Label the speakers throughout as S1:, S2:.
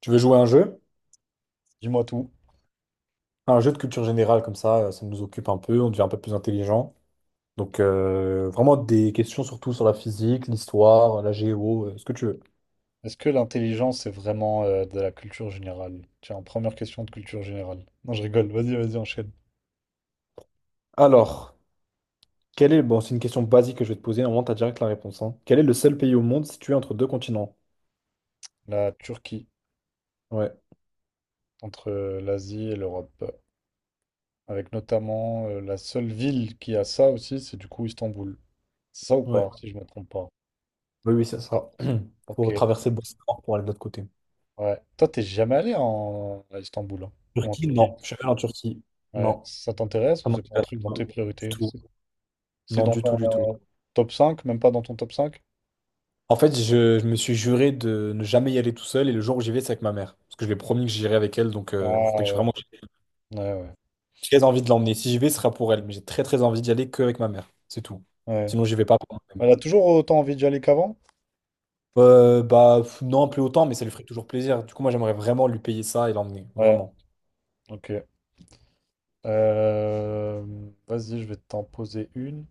S1: Tu veux jouer à un jeu?
S2: Dis-moi tout.
S1: Un jeu de culture générale comme ça, ça nous occupe un peu, on devient un peu plus intelligent. Donc vraiment des questions surtout sur la physique, l'histoire, la géo, ce que tu veux.
S2: Est-ce que l'intelligence, c'est vraiment de la culture générale? Tiens, première question de culture générale. Non, je rigole. Vas-y, vas-y, enchaîne.
S1: Alors, Bon, c'est une question basique que je vais te poser, normalement t'as direct la réponse, hein. Quel est le seul pays au monde situé entre deux continents?
S2: La Turquie,
S1: Ouais,
S2: entre l'Asie et l'Europe. Avec notamment la seule ville qui a ça aussi, c'est du coup Istanbul. C'est ça ou
S1: ouais.
S2: pas, si je me trompe pas?
S1: Oui, oui, c'est ça.
S2: Ok.
S1: Faut traverser le Bosphore pour aller de l'autre côté.
S2: Ouais. Toi, t'es jamais allé à Istanbul, hein, ou en
S1: Turquie?
S2: Turquie?
S1: Non. Je suis allé en Turquie.
S2: Ouais.
S1: Non.
S2: Ça t'intéresse
S1: Ça
S2: ou c'est pas un
S1: m'intéresse
S2: truc dans
S1: pas.
S2: tes
S1: Du
S2: priorités?
S1: tout.
S2: C'est
S1: Non,
S2: dans
S1: du
S2: ton
S1: tout, du tout.
S2: euh, top 5, même pas dans ton top cinq.
S1: En fait, je me suis juré de ne jamais y aller tout seul et le jour où j'y vais, c'est avec ma mère. Parce que je lui ai promis que j'irai avec elle, donc
S2: Ah
S1: faudrait que j'ai
S2: ouais.
S1: vraiment.
S2: Ouais, ouais.
S1: J'ai très envie de l'emmener. Si j'y vais, ce sera pour elle, mais j'ai très très envie d'y aller que avec ma mère. C'est tout.
S2: Ouais.
S1: Sinon, j'y vais pas pour moi-même.
S2: Elle a toujours autant envie d'y aller qu'avant?
S1: Bah pff, non, plus autant, mais ça lui ferait toujours plaisir. Du coup, moi, j'aimerais vraiment lui payer ça et l'emmener.
S2: Ouais,
S1: Vraiment.
S2: ok. Euh, Vas-y, je vais t'en poser une.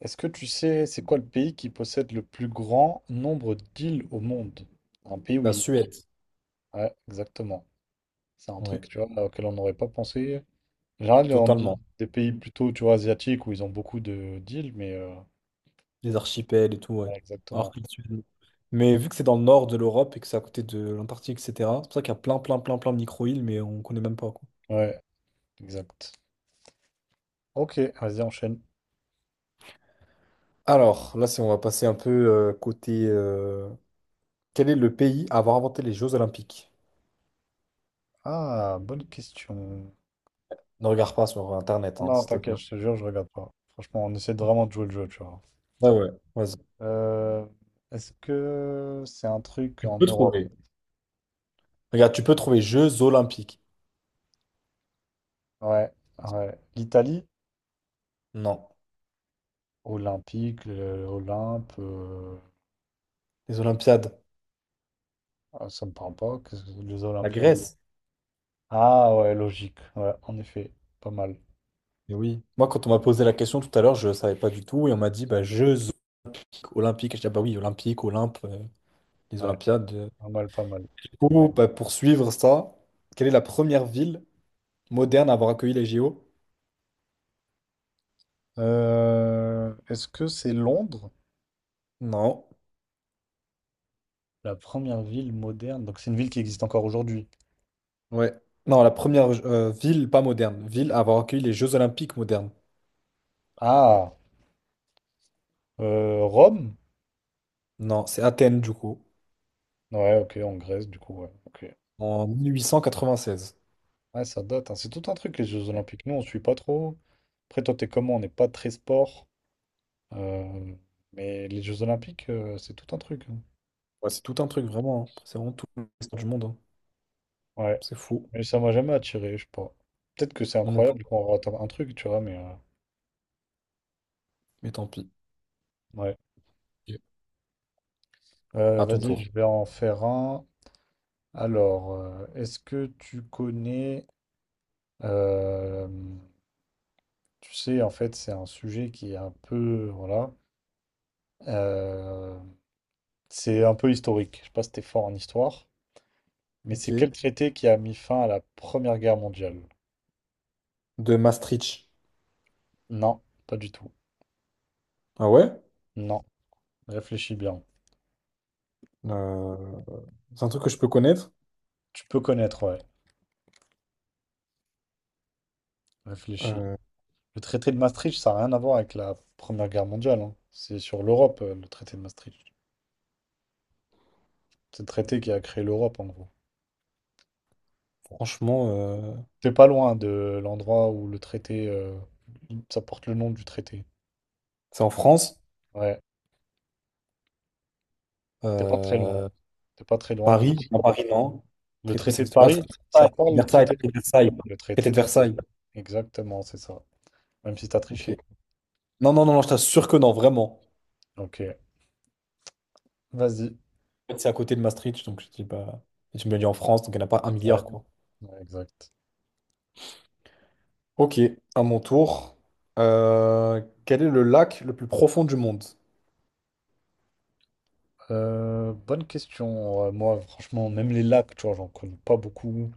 S2: Est-ce que tu sais, c'est quoi le pays qui possède le plus grand nombre d'îles au monde? Un pays,
S1: La
S2: oui.
S1: Suède.
S2: Ouais, exactement. C'est un
S1: Ouais,
S2: truc, tu vois, auquel on n'aurait pas pensé. En général, on dit
S1: totalement.
S2: des pays plutôt, tu vois, asiatiques où ils ont beaucoup de d'îles, mais,
S1: Les archipels et tout, ouais.
S2: ouais,
S1: Alors
S2: exactement.
S1: que la Suède. Mais vu que c'est dans le nord de l'Europe et que c'est à côté de l'Antarctique, etc., c'est pour ça qu'il y a plein, plein, plein, plein de micro-îles, mais on connaît même pas, quoi.
S2: Ouais, exact. Ok, vas-y, enchaîne.
S1: Alors, là, si on va passer un peu quel est le pays à avoir inventé les Jeux Olympiques?
S2: Ah, bonne question.
S1: Ne regarde pas sur
S2: Ah
S1: Internet, hein,
S2: non,
S1: s'il te
S2: t'inquiète,
S1: plaît.
S2: je te jure, je regarde pas. Franchement, on essaie de vraiment de jouer le jeu, tu vois.
S1: Ouais, ouais, vas-y.
S2: Euh, Est-ce que c'est un truc
S1: Tu
S2: en
S1: peux
S2: Europe?
S1: trouver. Regarde, tu peux trouver Jeux Olympiques.
S2: Ouais, ouais. L'Italie?
S1: Non.
S2: Olympique, Olympe,
S1: Les Olympiades.
S2: ah, ça me parle pas. Les
S1: La
S2: Olympiades?
S1: Grèce.
S2: Ah ouais, logique. Ouais, en effet, pas mal.
S1: Eh oui. Moi, quand on m'a posé la question tout à l'heure, je ne savais pas du tout. Et on m'a dit, bah, Jeux Olympiques. Olympiques. Je dis, ah bah oui, Olympiques, Olympe, les
S2: Ouais,
S1: Olympiades.
S2: pas mal, pas mal.
S1: Du coup, bah, pour suivre ça, quelle est la première ville moderne à avoir accueilli les JO?
S2: Est-ce que c'est Londres?
S1: Non.
S2: La première ville moderne. Donc c'est une ville qui existe encore aujourd'hui.
S1: Ouais. Non, la première ville, pas moderne, ville à avoir accueilli les Jeux Olympiques modernes.
S2: Ah, Rome?
S1: Non, c'est Athènes, du coup,
S2: Ouais, ok, en Grèce, du coup, ouais. Ok.
S1: en 1896.
S2: Ouais, ça date, hein. C'est tout un truc, les Jeux Olympiques. Nous, on suit pas trop. Après, toi, t'es comment? On n'est pas très sport. Euh, mais les Jeux Olympiques, c'est tout un truc, hein.
S1: Ouais, c'est tout un truc, vraiment, hein. C'est vraiment tout l'histoire du monde, hein.
S2: Ouais.
S1: C'est fou.
S2: Mais ça m'a jamais attiré, je sais pas. Peut-être que c'est
S1: Moi non plus.
S2: incroyable qu'on rate un truc, tu vois, mais,
S1: Mais tant pis.
S2: ouais.
S1: Ok. À ton
S2: Vas-y,
S1: tour.
S2: je vais en faire un. Alors, est-ce que tu connais... euh, tu sais, en fait, c'est un sujet qui est un peu... Voilà. Euh, c'est un peu historique. Je sais pas si t'es fort en histoire. Mais
S1: Ok.
S2: c'est quel traité qui a mis fin à la Première Guerre mondiale?
S1: De Maastricht.
S2: Non, pas du tout.
S1: Ah ouais?
S2: Non, réfléchis bien.
S1: Euh, c'est un truc que je peux connaître.
S2: Tu peux connaître, ouais. Réfléchis.
S1: Euh,
S2: Le traité de Maastricht, ça n'a rien à voir avec la Première Guerre mondiale, hein. C'est sur l'Europe, le traité de Maastricht. C'est le traité qui a créé l'Europe, en gros.
S1: franchement,
S2: T'es pas loin de l'endroit où le traité... ça porte le nom du traité.
S1: c'est en France.
S2: Ouais, t'es pas très loin.
S1: Euh,
S2: T'es pas très loin de...
S1: Paris. Non, Paris, non.
S2: le
S1: Traité, mais ça
S2: traité de
S1: existe pas.
S2: Paris,
S1: Traité
S2: ça te
S1: de
S2: parle, le
S1: Versailles.
S2: traité de...
S1: Versailles.
S2: le
S1: Traité
S2: traité
S1: de
S2: de Versailles.
S1: Versailles.
S2: Exactement, c'est ça. Même si t'as
S1: Ok.
S2: triché.
S1: Non, non, non, non, je t'assure que non, vraiment.
S2: Ok, vas-y.
S1: En fait, c'est à côté de Maastricht, donc je dis pas. Et tu me l'as dit en France, donc il n'y en a pas un
S2: Ouais,
S1: milliard, quoi.
S2: ouais, exact.
S1: Ok, à mon tour. Quel est le lac le plus profond du monde?
S2: Bonne question. Moi, franchement, même les lacs, tu vois, j'en connais pas beaucoup.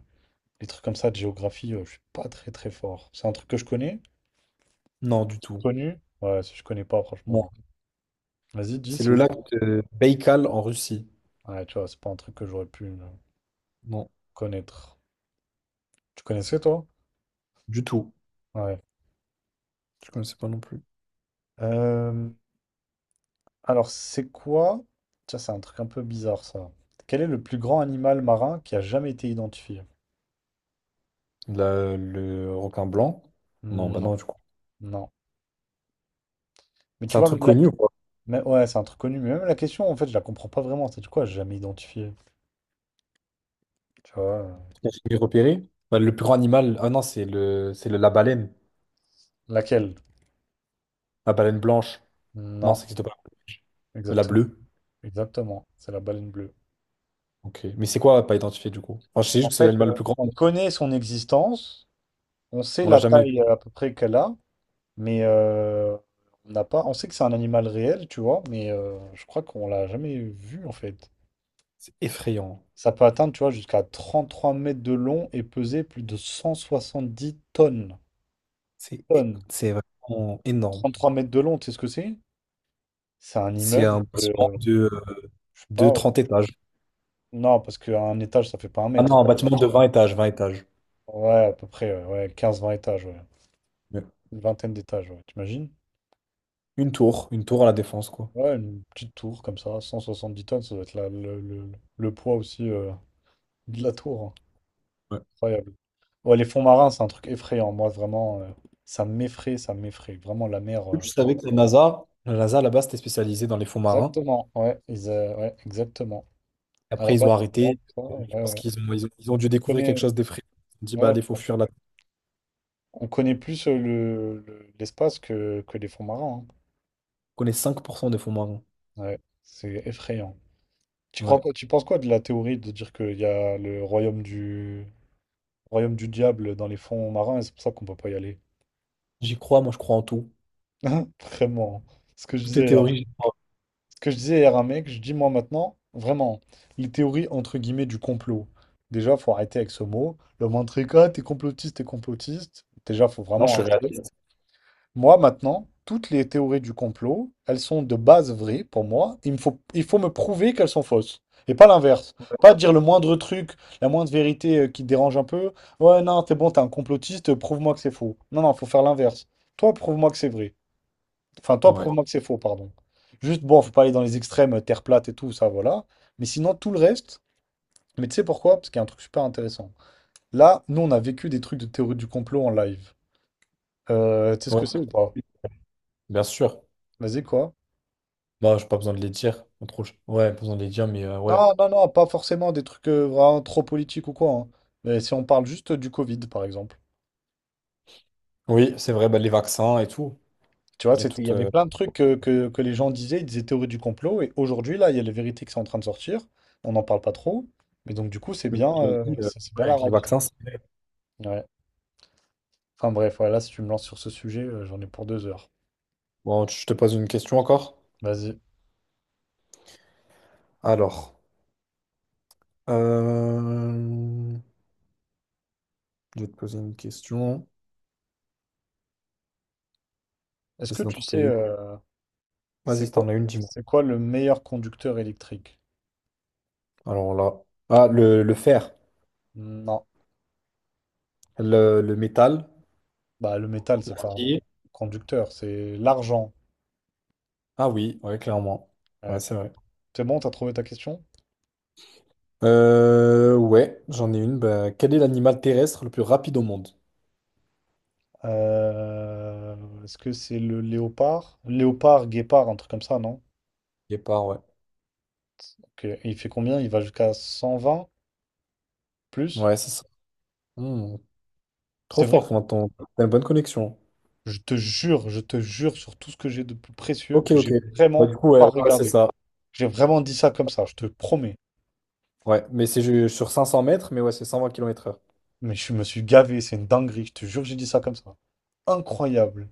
S2: Les trucs comme ça de géographie, je suis pas très très fort. C'est un truc que je connais?
S1: Non, du tout.
S2: Connu? Ouais, si je connais pas, franchement,
S1: Non.
S2: non. Vas-y, dis,
S1: C'est
S2: c'est
S1: le
S2: où?
S1: lac de Baïkal en Russie.
S2: Ouais, tu vois, c'est pas un truc que j'aurais pu
S1: Non,
S2: connaître. Tu connaissais, toi?
S1: du tout.
S2: Ouais.
S1: Je connaissais pas non plus.
S2: Euh, alors, c'est quoi? Tiens, c'est un truc un peu bizarre, ça. Quel est le plus grand animal marin qui a jamais été identifié?
S1: Le requin blanc? Non, bah
S2: Non,
S1: non, du coup.
S2: non. Mais
S1: C'est
S2: tu
S1: un
S2: vois,
S1: truc
S2: même...
S1: connu ou quoi?
S2: mais ouais, c'est un truc connu. Mais même la question, en fait, je la comprends pas vraiment. C'est quoi? J'ai jamais identifié. Tu vois?
S1: J'ai repéré. Bah, le plus grand animal. Ah non, la baleine.
S2: Laquelle?
S1: La baleine blanche. Non,
S2: Non,
S1: ça n'existe pas. La
S2: exactement.
S1: bleue.
S2: Exactement. C'est la baleine bleue.
S1: Ok. Mais c'est quoi pas identifié du coup? Enfin, je sais
S2: En
S1: juste que c'est
S2: fait,
S1: l'animal le plus grand.
S2: on connaît son existence, on sait
S1: On l'a
S2: la
S1: jamais
S2: taille
S1: vu.
S2: à peu près qu'elle a, mais on n'a pas. On sait que c'est un animal réel, tu vois, mais je crois qu'on l'a jamais vu en fait.
S1: C'est effrayant.
S2: Ça peut atteindre, tu vois, jusqu'à 33 mètres de long et peser plus de 170 tonnes.
S1: C'est é-
S2: Tonnes.
S1: c'est vraiment énorme.
S2: 33 mètres de long, tu sais ce que c'est? C'est un
S1: C'est
S2: immeuble
S1: un
S2: de,
S1: bâtiment de, euh,
S2: je sais
S1: de
S2: pas. Ouais.
S1: 30 étages.
S2: Non, parce qu'un étage, ça fait pas un
S1: Ah
S2: mètre.
S1: non, un bâtiment de 20 étages, 20 étages.
S2: Ouais, à peu près, ouais. Ouais, 15-20 étages, ouais.
S1: Ouais.
S2: Une vingtaine d'étages, ouais. T'imagines?
S1: Une tour à la Défense, quoi.
S2: Ouais, une petite tour comme ça, 170 tonnes, ça doit être le le poids aussi de la tour, hein.
S1: Ouais.
S2: Incroyable. Ouais, les fonds marins, c'est un truc effrayant. Moi, vraiment, ça m'effraie, ça m'effraie. Vraiment, la mer.
S1: Je savais que la NASA là-bas, c'était spécialisé dans les fonds marins.
S2: Exactement, ouais, ils, ouais, exactement. À la
S1: Après, ils
S2: base,
S1: ont
S2: c'est
S1: arrêté.
S2: vraiment pour
S1: Je
S2: ça, ouais,
S1: pense
S2: ouais.
S1: qu'ils ont dû
S2: On
S1: découvrir quelque
S2: connaît,
S1: chose d'effrayant. Ils ont dit, bah
S2: ouais,
S1: allez, faut fuir là.
S2: on connaît plus l'espace que les fonds marins,
S1: On connaît 5% des fonds marins.
S2: hein. Ouais, c'est effrayant. Tu crois
S1: Ouais.
S2: quoi, tu penses quoi de la théorie de dire qu'il y a le royaume du diable dans les fonds marins et c'est pour ça qu'on peut pas y aller?
S1: J'y crois, moi je crois en tout.
S2: Vraiment, hein. Ce que je
S1: Toutes
S2: disais
S1: les
S2: hier.
S1: théories, j'y crois.
S2: Ce que je disais hier à un mec, je dis moi maintenant, vraiment, les théories entre guillemets du complot. Déjà, faut arrêter avec ce mot. Le moindre truc, ah, t'es complotiste, t'es complotiste. Déjà, faut
S1: Non, je
S2: vraiment
S1: suis
S2: arrêter.
S1: réaliste.
S2: Moi, maintenant, toutes les théories du complot, elles sont de base vraies pour moi. Il me faut, il faut me prouver qu'elles sont fausses. Et pas l'inverse. Pas dire le moindre truc, la moindre vérité qui te dérange un peu. Ouais, non, t'es bon, t'es un complotiste, prouve-moi que c'est faux. Non, non, faut faire l'inverse. Toi, prouve-moi que c'est vrai. Enfin, toi,
S1: Ouais.
S2: prouve-moi que c'est faux, pardon. Juste, bon, faut pas aller dans les extrêmes, terre plate et tout, ça, voilà. Mais sinon, tout le reste. Mais tu sais pourquoi? Parce qu'il y a un truc super intéressant. Là, nous, on a vécu des trucs de théorie du complot en live. Tu sais ce
S1: Ouais.
S2: que c'est ou pas?
S1: Bien sûr.
S2: Vas-y, quoi?
S1: Bah, j'ai pas besoin de les dire. Pas trop- Ouais, pas besoin de les dire, mais ouais.
S2: Non, non, non, pas forcément des trucs vraiment trop politiques ou quoi, hein. Mais si on parle juste du Covid, par exemple.
S1: Oui, c'est vrai, bah, les vaccins et tout.
S2: Tu vois,
S1: Il y a
S2: c'était, il y
S1: tout.
S2: avait
S1: euh,
S2: plein de trucs que les gens disaient, ils disaient théorie du complot, et aujourd'hui, là, il y a les vérités qui sont en train de sortir. On n'en parle pas trop. Mais donc, du coup, c'est
S1: Mais
S2: bien,
S1: qui l'ont dit,
S2: c'est bien
S1: ouais,
S2: la
S1: avec les
S2: réalité.
S1: vaccins, c'est vrai.
S2: Ouais. Enfin bref, voilà, si tu me lances sur ce sujet, j'en ai pour 2 heures.
S1: Bon, je te pose une question encore.
S2: Vas-y.
S1: Alors, euh, je vais te poser une question.
S2: Est-ce que
S1: J'essaie d'en
S2: tu sais,
S1: trouver une. Vas-y,
S2: c'est
S1: si
S2: quoi,
S1: t'en as une, dis-moi.
S2: c'est quoi le meilleur conducteur électrique?
S1: Alors là. Ah, le fer,
S2: Non.
S1: le métal.
S2: Bah, le métal, c'est pas un
S1: L'acier.
S2: conducteur, c'est l'argent.
S1: Ah oui, ouais, clairement. Ouais,
S2: Ouais.
S1: c'est vrai.
S2: C'est bon, t'as trouvé ta question?
S1: Ouais, j'en ai une. Bah, quel est l'animal terrestre le plus rapide au monde?
S2: Euh, Est-ce que c'est le léopard? Léopard, guépard, un truc comme ça, non?
S1: Guépard, ouais.
S2: Ok. Et il fait combien? Il va jusqu'à 120 plus?
S1: Ouais, c'est ça. Hmm. Trop
S2: C'est
S1: fort,
S2: vrai?
S1: enfin, t'as une bonne connexion.
S2: Je te jure sur tout ce que j'ai de plus précieux
S1: Ok,
S2: que
S1: ok.
S2: j'ai
S1: Bah,
S2: vraiment
S1: du coup, ouais,
S2: pas
S1: ouais, ouais, c'est
S2: regardé.
S1: ça.
S2: J'ai vraiment dit ça comme ça, je te promets.
S1: Ouais, mais c'est sur 500 mètres, mais ouais, c'est 120 km/h.
S2: Mais je me suis gavé, c'est une dinguerie, je te jure, j'ai dit ça comme ça. Incroyable.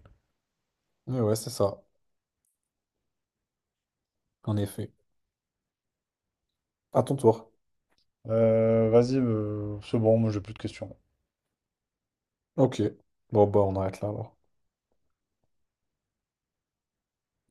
S1: Ouais, ouais, c'est ça, en effet. À ton tour.
S2: Vas-y, c'est bon, moi j'ai plus de questions.
S1: Ok. Bon, bah, on arrête là, alors.